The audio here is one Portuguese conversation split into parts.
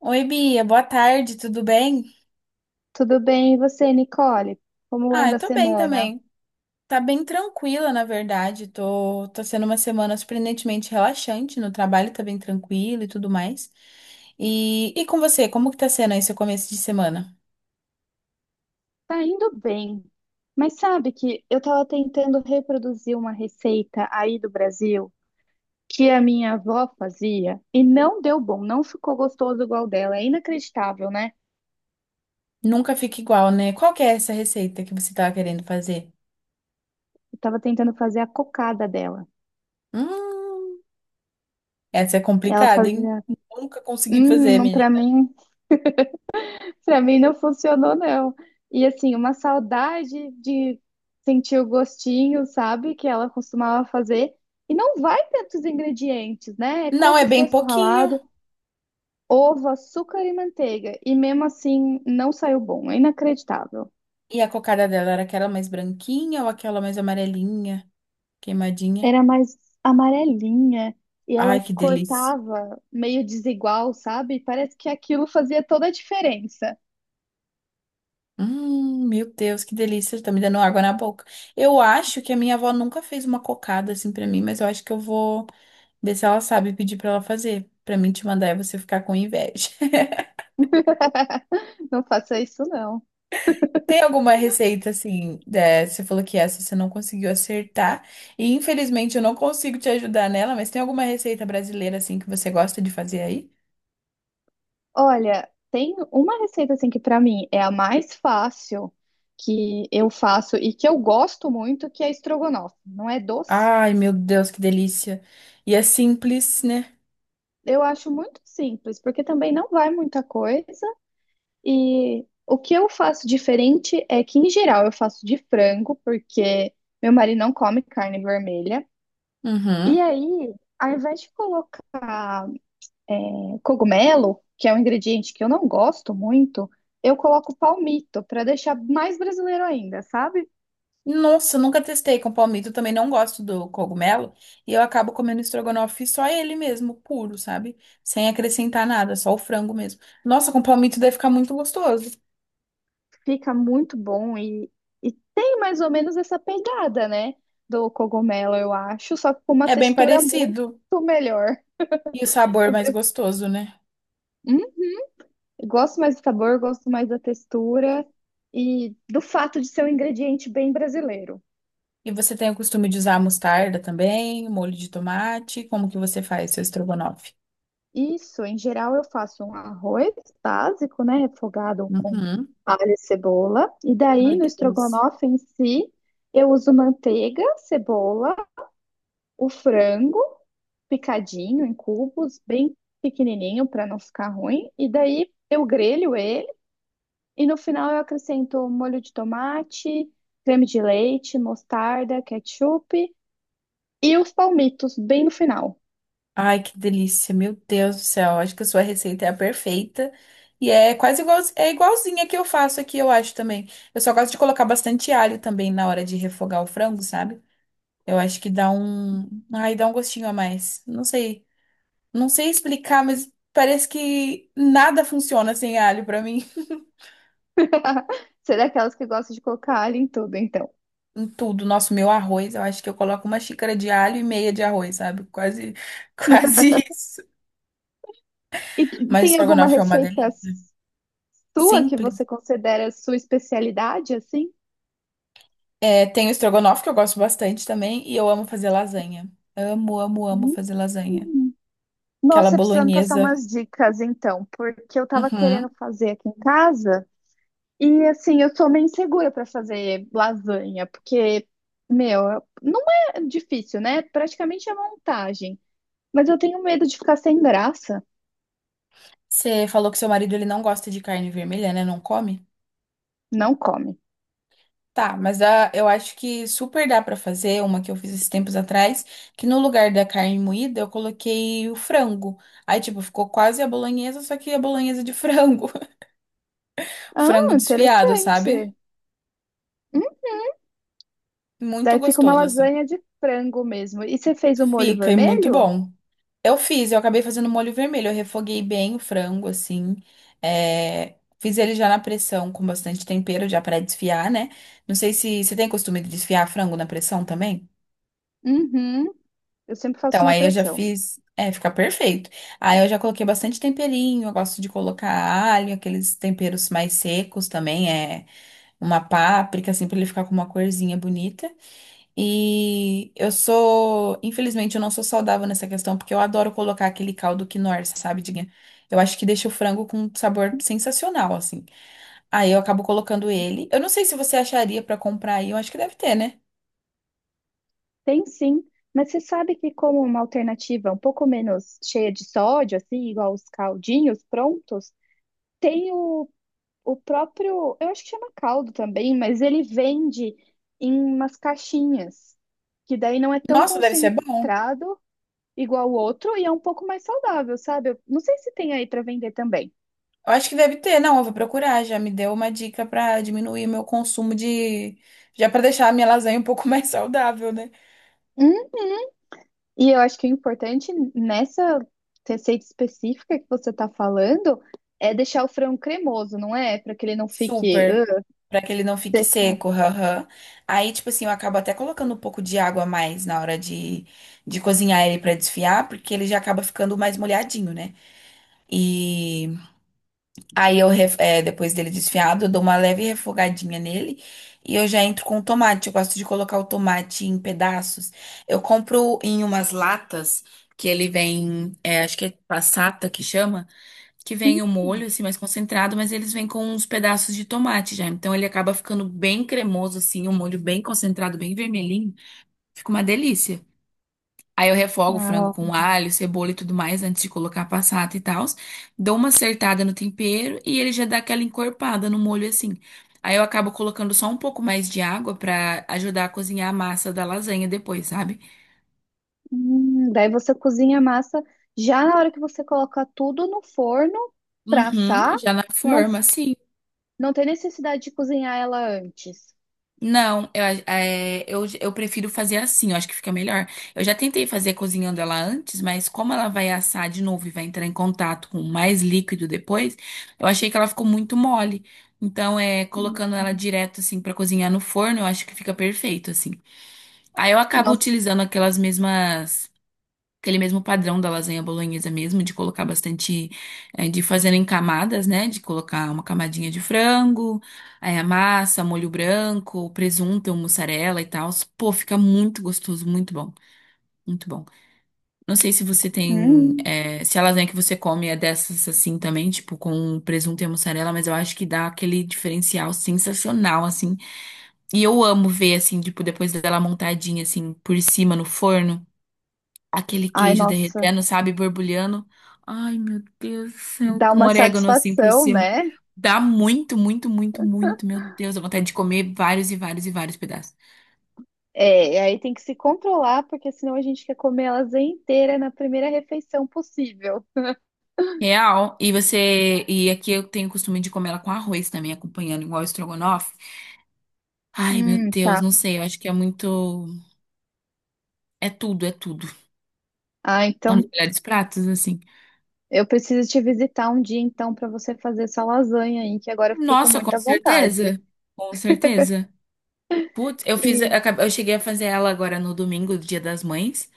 Oi, Bia, boa tarde, tudo bem? Tudo bem, e você, Nicole? Como Ah, anda eu a tô bem semana? também. Tá bem tranquila, na verdade. Tá sendo uma semana surpreendentemente relaxante no trabalho, tá bem tranquilo e tudo mais. E com você, como que tá sendo aí seu começo de semana? Tá indo bem, mas sabe que eu estava tentando reproduzir uma receita aí do Brasil que a minha avó fazia e não deu bom, não ficou gostoso igual dela. É inacreditável, né? Nunca fica igual, né? Qual que é essa receita que você tava querendo fazer? Eu tava tentando fazer a cocada dela. Hum, essa é Ela complicada, hein? fazia, Nunca consegui fazer, hum, menina. para mim para mim não funcionou, não. E assim, uma saudade de sentir o gostinho, sabe? Que ela costumava fazer. E não vai tantos ingredientes, né? É Não, é coco bem fresco pouquinho. ralado, ovo, açúcar e manteiga. E mesmo assim, não saiu bom. É inacreditável. E a cocada dela era aquela mais branquinha ou aquela mais amarelinha, queimadinha? Era mais amarelinha. E Ai, ela que delícia. cortava meio desigual, sabe? Parece que aquilo fazia toda a diferença. Meu Deus, que delícia, tá me dando água na boca. Eu acho que a minha avó nunca fez uma cocada assim pra mim, mas eu acho que eu vou ver se ela sabe, pedir pra ela fazer, pra mim te mandar e você ficar com inveja. Não faça isso, não. Tem alguma receita assim, né? Você falou que essa você não conseguiu acertar, e infelizmente eu não consigo te ajudar nela, mas tem alguma receita brasileira assim que você gosta de fazer aí? Olha, tem uma receita assim que pra mim é a mais fácil que eu faço e que eu gosto muito, que é estrogonofe. Não é doce? Ai, meu Deus, que delícia. E é simples, né? Eu acho muito simples, porque também não vai muita coisa. E o que eu faço diferente é que, em geral, eu faço de frango, porque meu marido não come carne vermelha. E Uhum. aí, ao invés de colocar cogumelo, que é um ingrediente que eu não gosto muito, eu coloco palmito para deixar mais brasileiro ainda, sabe? Nossa, eu nunca testei com palmito, eu também não gosto do cogumelo, e eu acabo comendo estrogonofe só ele mesmo, puro, sabe? Sem acrescentar nada, só o frango mesmo. Nossa, com palmito deve ficar muito gostoso. Fica muito bom e tem mais ou menos essa pegada, né? Do cogumelo, eu acho, só que com uma É bem textura muito parecido, melhor. e o sabor é mais gostoso, né? Hum? Gosto mais do sabor, gosto mais da textura e do fato de ser um ingrediente bem brasileiro. E você tem o costume de usar mostarda também, molho de tomate? Como que você faz seu estrogonofe? Isso, em geral, eu faço um arroz básico, né? Refogado com Uhum. alho e cebola. E daí, Ai, no que delícia. estrogonofe em si, eu uso manteiga, cebola, o frango, picadinho em cubos, bem pequenininho para não ficar ruim. E daí eu grelho ele e no final eu acrescento molho de tomate, creme de leite, mostarda, ketchup e os palmitos bem no final. Ai, que delícia, meu Deus do céu. Acho que a sua receita é a perfeita. E é quase igual, é igualzinha que eu faço aqui, eu acho também. Eu só gosto de colocar bastante alho também na hora de refogar o frango, sabe? Eu acho que dá um, ai, dá um gostinho a mais. Não sei, não sei explicar, mas parece que nada funciona sem alho pra mim. Você é daquelas que gosta de colocar alho em tudo, então. Em tudo, nosso, meu arroz, eu acho que eu coloco uma xícara de alho e meia de arroz, sabe? Quase, quase isso. E Mas o tem alguma estrogonofe é uma receita delícia. sua que Simples. você considera sua especialidade, assim? É, tem o estrogonofe, que eu gosto bastante também, e eu amo fazer lasanha. Amo, amo, amo Hum. fazer lasanha. Aquela Nossa, precisa me passar bolonhesa. umas dicas, então, porque eu tava Uhum. querendo fazer aqui em casa. E assim, eu sou meio insegura para fazer lasanha, porque, meu, não é difícil, né? Praticamente é montagem. Mas eu tenho medo de ficar sem graça. Você falou que seu marido ele não gosta de carne vermelha, né? Não come? Não come. Tá, mas ah, eu acho que super dá pra fazer uma que eu fiz esses tempos atrás, que no lugar da carne moída eu coloquei o frango. Aí, tipo, ficou quase a bolonhesa, só que a bolonhesa de frango. Ah, Frango desfiado, interessante. sabe? Hum, Muito daí fica uma gostoso, assim. lasanha de frango mesmo. E você fez o molho Fica e muito vermelho? bom. Eu fiz, eu acabei fazendo molho vermelho. Eu refoguei bem o frango, assim. É, fiz ele já na pressão com bastante tempero, já para desfiar, né? Não sei se você tem costume de desfiar frango na pressão também. Uhum. Eu sempre faço Então, na aí eu já pressão. fiz. É, fica perfeito. Aí eu já coloquei bastante temperinho. Eu gosto de colocar alho, aqueles temperos mais secos também. É uma páprica, assim, pra ele ficar com uma corzinha bonita. E eu sou, infelizmente, eu não sou saudável nessa questão, porque eu adoro colocar aquele caldo quinoa, sabe, Diguinha? Eu acho que deixa o frango com um sabor sensacional, assim. Aí eu acabo colocando ele. Eu não sei se você acharia pra comprar aí, eu acho que deve ter, né? Tem sim, mas você sabe que como uma alternativa um pouco menos cheia de sódio, assim, igual os caldinhos prontos, tem o O próprio, eu acho que chama caldo também, mas ele vende em umas caixinhas, que daí não é tão Nossa, deve ser bom. concentrado igual o outro e é um pouco mais saudável, sabe? Eu não sei se tem aí para vender também. Eu acho que deve ter, não, eu vou procurar, já me deu uma dica pra diminuir meu consumo de, já pra deixar a minha lasanha um pouco mais saudável, né? Hum. E eu acho que o importante nessa receita específica que você tá falando é deixar o frango cremoso, não é? Para que ele não fique Super, pra que ele não fique seco. seco, haha. Aí, tipo assim, eu acabo até colocando um pouco de água a mais na hora de cozinhar ele pra desfiar, porque ele já acaba ficando mais molhadinho, né? E aí eu, depois dele desfiado, eu dou uma leve refogadinha nele e eu já entro com o tomate. Eu gosto de colocar o tomate em pedaços. Eu compro em umas latas que ele vem, é, acho que é passata que chama, que Hum. vem o molho, assim, mais concentrado, mas eles vêm com uns pedaços de tomate já. Então ele acaba ficando bem cremoso, assim, um molho bem concentrado, bem vermelhinho. Fica uma delícia. Aí eu refogo o frango Ah. com alho, cebola e tudo mais antes de colocar a passata e tal. Dou uma acertada no tempero e ele já dá aquela encorpada no molho, assim. Aí eu acabo colocando só um pouco mais de água pra ajudar a cozinhar a massa da lasanha depois, sabe? Daí você cozinha a massa já na hora que você coloca tudo no forno para Uhum, assar. já na Não, forma, assim. não tem necessidade de cozinhar ela antes. Não, eu, eu prefiro fazer assim, eu acho que fica melhor. Eu já tentei fazer cozinhando ela antes, mas como ela vai assar de novo e vai entrar em contato com mais líquido depois, eu achei que ela ficou muito mole. Então, é, colocando ela direto assim pra cozinhar no forno, eu acho que fica perfeito assim. Aí eu acabo Nossa. utilizando aquelas mesmas aquele mesmo padrão da lasanha bolonhesa mesmo, de colocar bastante, de fazer em camadas, né? De colocar uma camadinha de frango, aí a massa, molho branco, presunto, mussarela e tal. Pô, fica muito gostoso, muito bom, muito bom. Não sei se você tem, Hum. Se a lasanha que você come é dessas assim também, tipo com presunto e mussarela, mas eu acho que dá aquele diferencial sensacional, assim. E eu amo ver, assim, tipo, depois dela montadinha, assim, por cima no forno. Aquele Ai, queijo nossa. derretendo, sabe? Borbulhando. Ai, meu Deus do céu. Dá Com uma orégano assim por satisfação, cima. né? Dá muito, muito, muito, muito. Meu Deus, dá vontade de comer vários e vários e vários pedaços. É, e aí tem que se controlar, porque senão a gente quer comer elas inteira na primeira refeição possível. Real. E você. E aqui eu tenho o costume de comer ela com arroz também, acompanhando, igual o estrogonofe. Ai, meu Deus, Tá. não sei. Eu acho que é muito. É tudo, é tudo. Ah, São os então melhores pratos, assim. eu preciso te visitar um dia então para você fazer essa lasanha aí, que agora eu fico com Nossa, com muita vontade. certeza. Com certeza. Putz, eu fiz. Eu, E, acabei- eu cheguei a fazer ela agora no domingo, do Dia das Mães.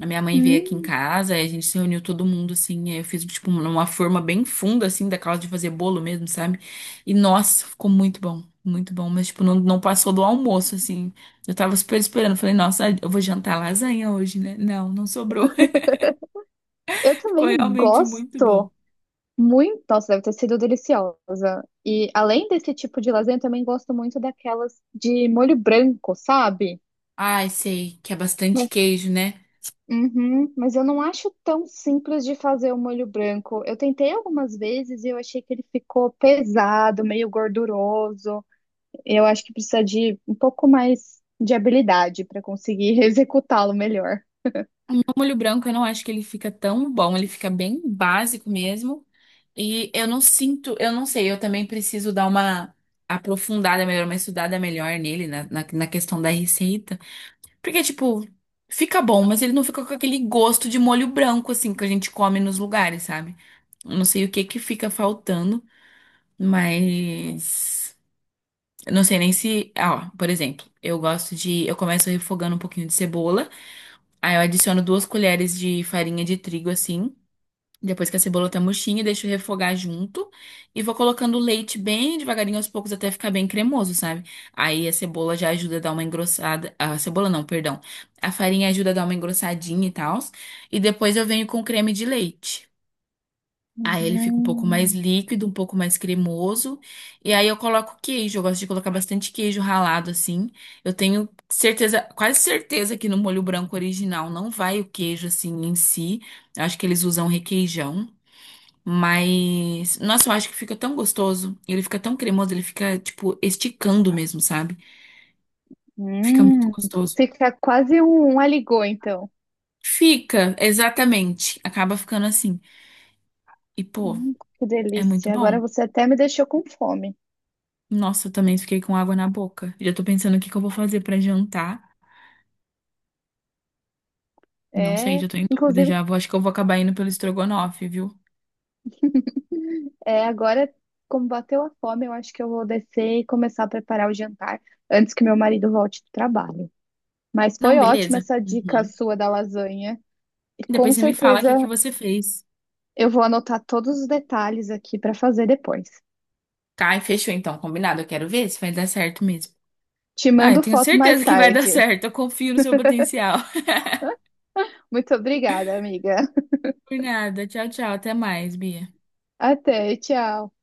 A minha mãe veio aqui em hum, casa, aí a gente se reuniu todo mundo, assim, aí eu fiz, tipo, uma forma bem funda, assim, daquela de fazer bolo mesmo, sabe? E, nossa, ficou muito bom, mas, tipo, não, não passou do almoço, assim. Eu tava super esperando, falei, nossa, eu vou jantar lasanha hoje, né? Não, não sobrou, eu ficou também realmente muito bom. gosto muito. Nossa, deve ter sido deliciosa. E além desse tipo de lasanha, eu também gosto muito daquelas de molho branco, sabe? Ai, sei, que é bastante Mas, queijo, né? uhum, mas eu não acho tão simples de fazer o molho branco. Eu tentei algumas vezes e eu achei que ele ficou pesado, meio gorduroso. Eu acho que precisa de um pouco mais de habilidade para conseguir executá-lo melhor. O molho branco, eu não acho que ele fica tão bom, ele fica bem básico mesmo. E eu não sinto, eu não sei, eu também preciso dar uma aprofundada melhor, uma estudada melhor nele, na questão da receita. Porque, tipo, fica bom, mas ele não fica com aquele gosto de molho branco, assim, que a gente come nos lugares, sabe? Eu não sei o que que fica faltando, mas. Eu não sei nem se. Ah, ó, por exemplo, eu gosto de. Eu começo refogando um pouquinho de cebola, aí eu adiciono duas colheres de farinha de trigo, assim. Depois que a cebola tá murchinha, deixo refogar junto e vou colocando o leite bem devagarinho aos poucos até ficar bem cremoso, sabe? Aí a cebola já ajuda a dar uma engrossada. A cebola não, perdão. A farinha ajuda a dar uma engrossadinha e tal. E depois eu venho com o creme de leite. Aí ele fica um pouco mais Hum, líquido, um pouco mais cremoso. E aí eu coloco queijo. Eu gosto de colocar bastante queijo ralado assim. Eu tenho certeza, quase certeza que no molho branco original não vai o queijo assim em si. Eu acho que eles usam requeijão. Mas, nossa, eu acho que fica tão gostoso. Ele fica tão cremoso, ele fica, tipo, esticando mesmo, sabe? Fica muito hum. gostoso. Fica quase um aligô, então. Fica, exatamente. Acaba ficando assim. E, pô, Que é muito delícia. Agora bom. você até me deixou com fome. Nossa, eu também fiquei com água na boca. Já tô pensando o que que eu vou fazer pra jantar. Não sei, É, já tô em dúvida inclusive, já. Vou, acho que eu vou acabar indo pelo estrogonofe, viu? é, agora, como bateu a fome, eu acho que eu vou descer e começar a preparar o jantar antes que meu marido volte do trabalho. Mas Não, foi ótima beleza. essa dica Uhum. sua da lasanha. E com Depois você me fala o certeza que que você fez. eu vou anotar todos os detalhes aqui para fazer depois. Tá, e fechou então, combinado. Eu quero ver se vai dar certo mesmo. Te Ah, eu mando tenho foto mais certeza que vai dar tarde. certo. Eu confio no seu potencial. Muito obrigada, amiga. Por nada. Tchau, tchau. Até mais, Bia. Até, tchau.